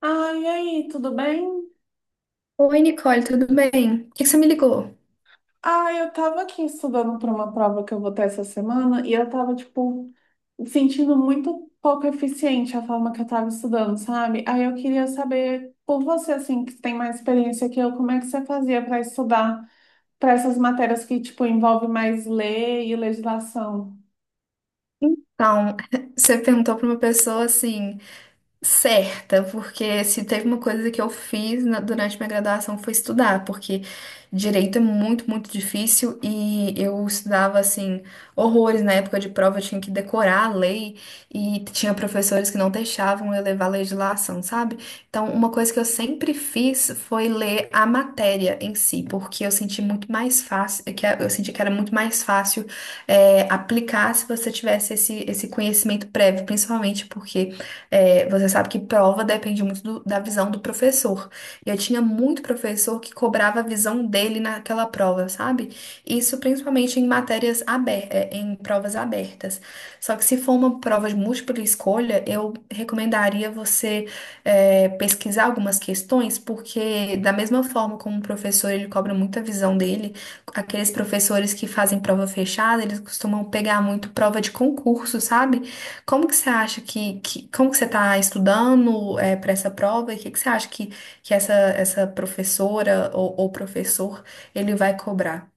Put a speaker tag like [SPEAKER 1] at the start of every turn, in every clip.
[SPEAKER 1] Ah, e aí, tudo bem?
[SPEAKER 2] Oi, Nicole, tudo bem? Por que que você me ligou?
[SPEAKER 1] Ah, eu tava aqui estudando para uma prova que eu vou ter essa semana e eu tava, tipo, sentindo muito pouco eficiente a forma que eu tava estudando, sabe? Aí eu queria saber, por você, assim, que tem mais experiência que eu, como é que você fazia para estudar para essas matérias que, tipo, envolve mais lei e legislação?
[SPEAKER 2] Então, você perguntou para uma pessoa assim, certa, porque se teve uma coisa que eu fiz durante minha graduação foi estudar, porque direito é muito, muito difícil e eu estudava assim horrores na época de prova, eu tinha que decorar a lei e tinha professores que não deixavam eu levar a legislação, sabe? Então, uma coisa que eu sempre fiz foi ler a matéria em si, porque eu senti que era muito mais fácil aplicar se você tivesse esse conhecimento prévio, principalmente porque você sabe que prova depende muito da visão do professor. E eu tinha muito professor que cobrava a visão dele naquela prova, sabe? Isso principalmente em matérias abertas, em provas abertas. Só que se for uma prova de múltipla escolha, eu recomendaria você pesquisar algumas questões, porque da mesma forma como o professor ele cobra muita visão dele, aqueles professores que fazem prova fechada, eles costumam pegar muito prova de concurso, sabe? Como que você acha que como que você está estudando para essa prova e que você acha que essa professora ou professor ele vai cobrar?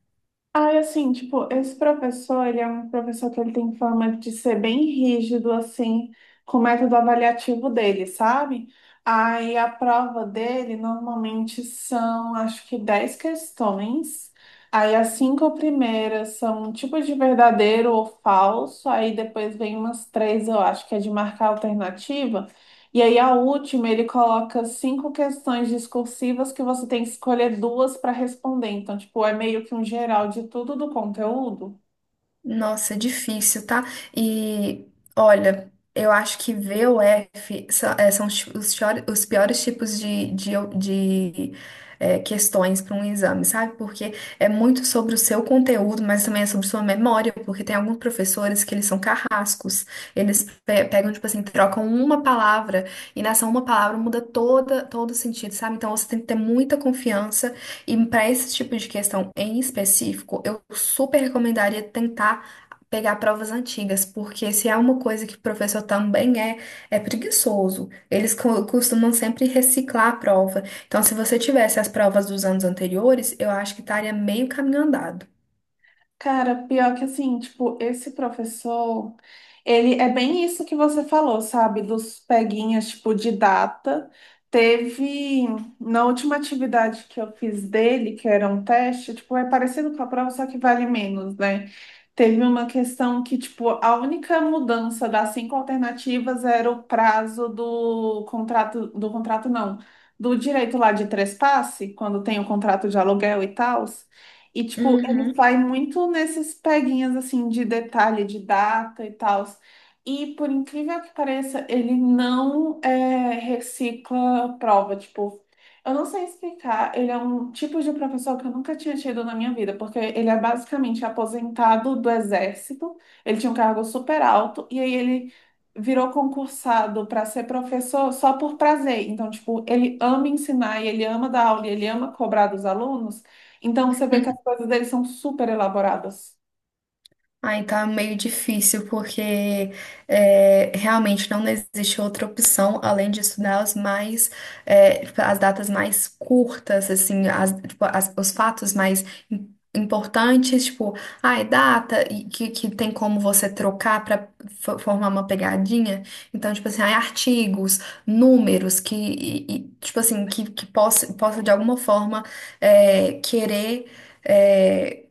[SPEAKER 1] Ai, assim, tipo, esse professor, ele é um professor que ele tem fama de ser bem rígido, assim, com o método avaliativo dele, sabe? Aí a prova dele normalmente são, acho que 10 questões. Aí as 5 primeiras são um tipo de verdadeiro ou falso. Aí depois vem umas 3, eu acho que é de marcar alternativa. E aí, a última, ele coloca 5 questões discursivas que você tem que escolher duas para responder. Então, tipo, é meio que um geral de tudo do conteúdo.
[SPEAKER 2] Nossa, é difícil, tá? E olha, eu acho que V ou F são os piores tipos de questões para um exame, sabe? Porque é muito sobre o seu conteúdo, mas também é sobre sua memória, porque tem alguns professores que eles são carrascos. Eles pegam, tipo assim, trocam uma palavra e nessa uma palavra muda todo o sentido, sabe? Então você tem que ter muita confiança e para esse tipo de questão em específico, eu super recomendaria tentar pegar provas antigas, porque se há uma coisa que o professor também é preguiçoso. Eles costumam sempre reciclar a prova. Então, se você tivesse as provas dos anos anteriores, eu acho que estaria meio caminho andado.
[SPEAKER 1] Cara, pior que assim, tipo, esse professor, ele é bem isso que você falou, sabe? Dos peguinhas, tipo, de data. Teve, na última atividade que eu fiz dele, que era um teste, tipo, é parecido com a prova, só que vale menos, né? Teve uma questão que, tipo, a única mudança das 5 alternativas era o prazo do contrato não, do direito lá de trespasse, quando tem o contrato de aluguel e tal. E, tipo, ele
[SPEAKER 2] Uhum.
[SPEAKER 1] vai muito nesses peguinhas, assim, de detalhe, de data e tal. E, por incrível que pareça, ele não é, recicla prova. Tipo, eu não sei explicar. Ele é um tipo de professor que eu nunca tinha tido na minha vida, porque ele é basicamente aposentado do exército. Ele tinha um cargo super alto. E aí ele virou concursado para ser professor só por prazer. Então, tipo, ele ama ensinar e ele ama dar aula e ele ama cobrar dos alunos. Então você vê que as coisas deles são super elaboradas.
[SPEAKER 2] Aí tá meio difícil, porque realmente não existe outra opção além de estudar tipo, as datas mais curtas, assim, os fatos mais importantes, tipo, ai, data, e que tem como você trocar para formar uma pegadinha. Então, tipo assim, ai, artigos, números, tipo assim, que possa de alguma forma querer. é,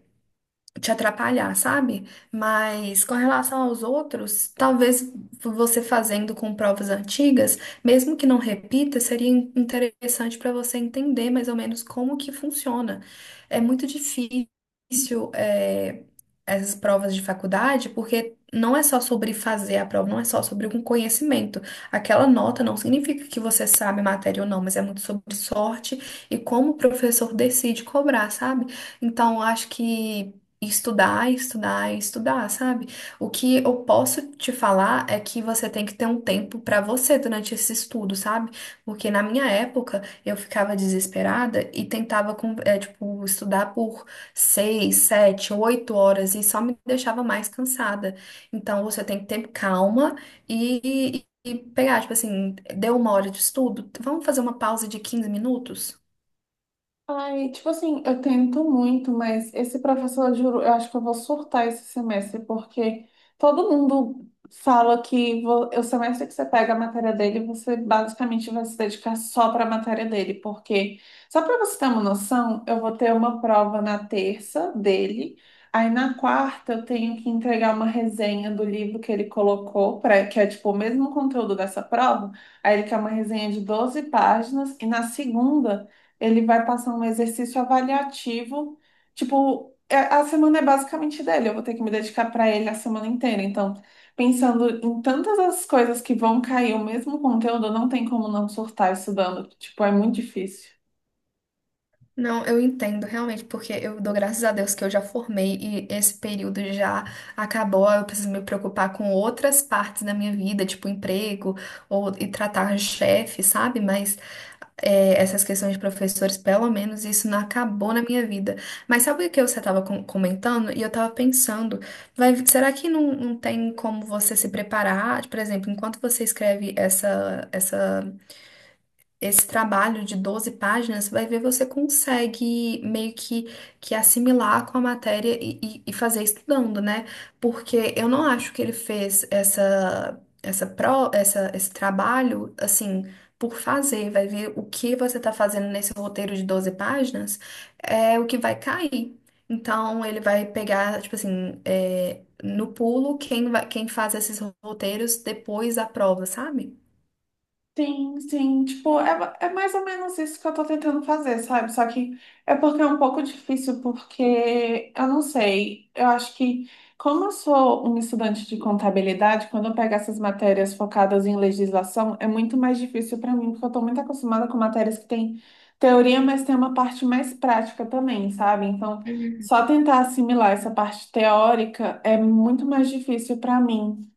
[SPEAKER 2] Te atrapalhar, sabe? Mas com relação aos outros, talvez você fazendo com provas antigas, mesmo que não repita, seria interessante para você entender mais ou menos como que funciona. É muito difícil, essas provas de faculdade, porque não é só sobre fazer a prova, não é só sobre um conhecimento. Aquela nota não significa que você sabe a matéria ou não, mas é muito sobre sorte e como o professor decide cobrar, sabe? Então, eu acho que estudar, estudar, estudar, sabe? O que eu posso te falar é que você tem que ter um tempo pra você durante esse estudo, sabe? Porque na minha época eu ficava desesperada e tentava tipo estudar por seis, sete, oito horas e só me deixava mais cansada. Então você tem que ter calma e pegar, tipo assim, deu uma hora de estudo, vamos fazer uma pausa de 15 minutos?
[SPEAKER 1] Ai, tipo assim, eu tento muito, mas esse professor, eu juro, eu acho que eu vou surtar esse semestre, porque todo mundo fala que o semestre que você pega a matéria dele, você basicamente vai se dedicar só para a matéria dele, porque, só para você ter uma noção, eu vou ter uma prova na terça dele, aí na quarta eu tenho que entregar uma resenha do livro que ele colocou, pra, que é tipo o mesmo conteúdo dessa prova, aí ele quer uma resenha de 12 páginas, e na segunda. Ele vai passar um exercício avaliativo. Tipo, a semana é basicamente dele. Eu vou ter que me dedicar para ele a semana inteira. Então, pensando em tantas as coisas que vão cair o mesmo conteúdo, não tem como não surtar estudando. Tipo, é muito difícil.
[SPEAKER 2] Não, eu entendo realmente, porque eu dou graças a Deus que eu já formei e esse período já acabou. Eu preciso me preocupar com outras partes da minha vida, tipo emprego ou e tratar chefe, sabe? Mas essas questões de professores, pelo menos isso não acabou na minha vida. Mas sabe o que você estava comentando? E eu estava pensando, vai, será que não tem como você se preparar? Por exemplo, enquanto você escreve essa, essa esse trabalho de 12 páginas, vai ver você consegue meio que assimilar com a matéria e fazer estudando, né? Porque eu não acho que ele fez esse trabalho, assim, por fazer. Vai ver o que você está fazendo nesse roteiro de 12 páginas, é o que vai cair. Então, ele vai pegar, tipo assim, é, no pulo, quem faz esses roteiros depois da prova, sabe?
[SPEAKER 1] Sim, sim, tipo, é, é mais ou menos isso que eu tô tentando fazer, sabe? Só que é porque é um pouco difícil, porque eu não sei, eu acho que como eu sou um estudante de contabilidade, quando eu pego essas matérias focadas em legislação, é muito mais difícil para mim, porque eu tô muito acostumada com matérias que tem teoria, mas tem uma parte mais prática também, sabe? Então, só tentar assimilar essa parte teórica é muito mais difícil para mim.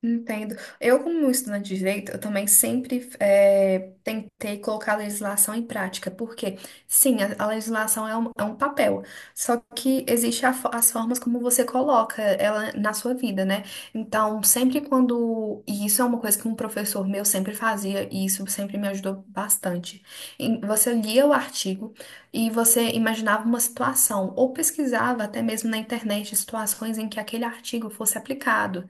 [SPEAKER 2] Entendo. Eu, como estudante de direito, eu também sempre tentei colocar a legislação em prática, porque, sim, a legislação é é um papel, só que existe a as formas como você coloca ela na sua vida, né? Então, sempre quando. E isso é uma coisa que um professor meu sempre fazia, e isso sempre me ajudou bastante. Você lia o artigo e você imaginava uma situação, ou pesquisava até mesmo na internet situações em que aquele artigo fosse aplicado.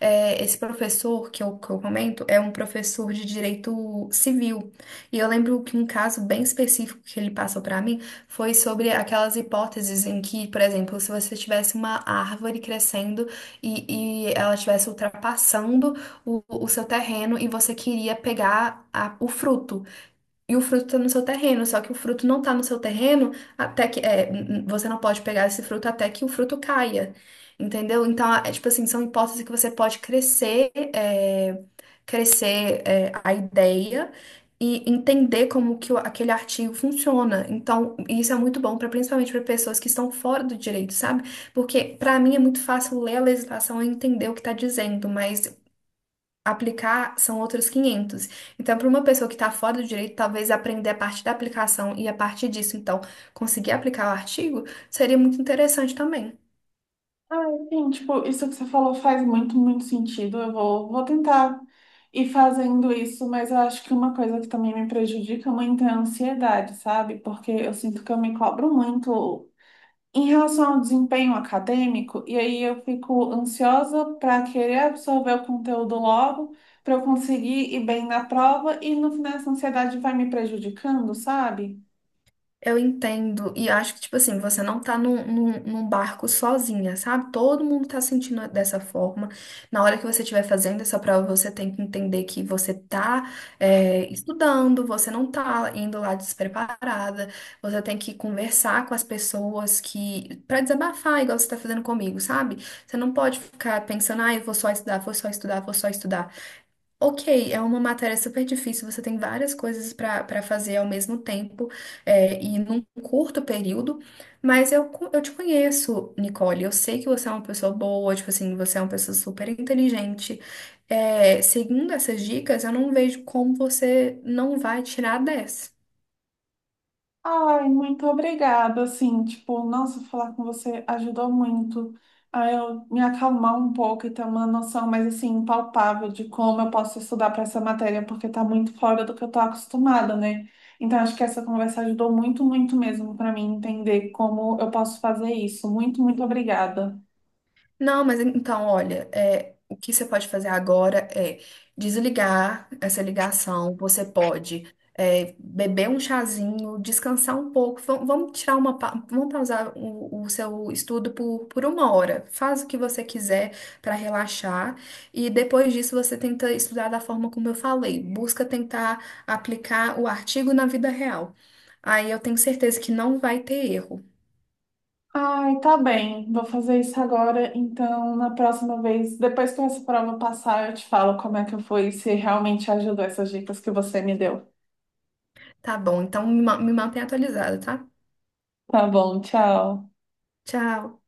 [SPEAKER 2] É, esse professor que eu comento é um professor de direito civil. E eu lembro que um caso bem específico que ele passou para mim foi sobre aquelas hipóteses em que, por exemplo, se você tivesse uma árvore crescendo e ela estivesse ultrapassando o seu terreno e você queria pegar o fruto. E o fruto está no seu terreno, só que o fruto não está no seu terreno até que você não pode pegar esse fruto até que o fruto caia, entendeu? Então, é tipo assim, são hipóteses que você pode crescer, a ideia e entender como que aquele artigo funciona. Então, isso é muito bom para principalmente para pessoas que estão fora do direito, sabe? Porque para mim é muito fácil ler a legislação e entender o que está dizendo, mas aplicar são outros 500. Então, para uma pessoa que está fora do direito, talvez aprender a parte da aplicação e a partir disso, então, conseguir aplicar o artigo seria muito interessante também.
[SPEAKER 1] Ah, sim, tipo, isso que você falou faz muito, muito sentido. Eu vou tentar ir fazendo isso, mas eu acho que uma coisa que também me prejudica muito é a ansiedade, sabe? Porque eu sinto que eu me cobro muito em relação ao desempenho acadêmico, e aí eu fico ansiosa para querer absorver o conteúdo logo, para eu conseguir ir bem na prova, e no final essa ansiedade vai me prejudicando, sabe?
[SPEAKER 2] Eu entendo, e acho que, tipo assim, você não tá num barco sozinha, sabe? Todo mundo tá sentindo dessa forma. Na hora que você estiver fazendo essa prova, você tem que entender que você tá, estudando, você não tá indo lá despreparada, você tem que conversar com as pessoas que, pra desabafar, igual você tá fazendo comigo, sabe? Você não pode ficar pensando, ah, eu vou só estudar, vou só estudar, vou só estudar. Ok, é uma matéria super difícil, você tem várias coisas para fazer ao mesmo tempo e num curto período, mas eu te conheço, Nicole, eu sei que você é uma pessoa boa, tipo assim, você é uma pessoa super inteligente. É, seguindo essas dicas, eu não vejo como você não vai tirar 10.
[SPEAKER 1] Ai, muito obrigada, assim, tipo, nossa, falar com você ajudou muito a eu me acalmar um pouco e ter uma noção mais, assim, palpável de como eu posso estudar para essa matéria, porque tá muito fora do que eu tô acostumada, né? Então, acho que essa conversa ajudou muito, muito mesmo para mim entender como eu posso fazer isso. Muito, muito obrigada.
[SPEAKER 2] Não, mas então, olha, é, o que você pode fazer agora é desligar essa ligação. Você pode beber um chazinho, descansar um pouco. Vamos tirar uma, vamos pausar o seu estudo por uma hora. Faz o que você quiser para relaxar e depois disso você tenta estudar da forma como eu falei. Busca tentar aplicar o artigo na vida real. Aí eu tenho certeza que não vai ter erro.
[SPEAKER 1] Ai, tá bem, vou fazer isso agora, então, na próxima vez, depois que essa prova passar, eu te falo como é que foi, e se realmente ajudou essas dicas que você me deu.
[SPEAKER 2] Tá bom, então me mantém atualizada, tá?
[SPEAKER 1] Tá bom, tchau.
[SPEAKER 2] Tchau.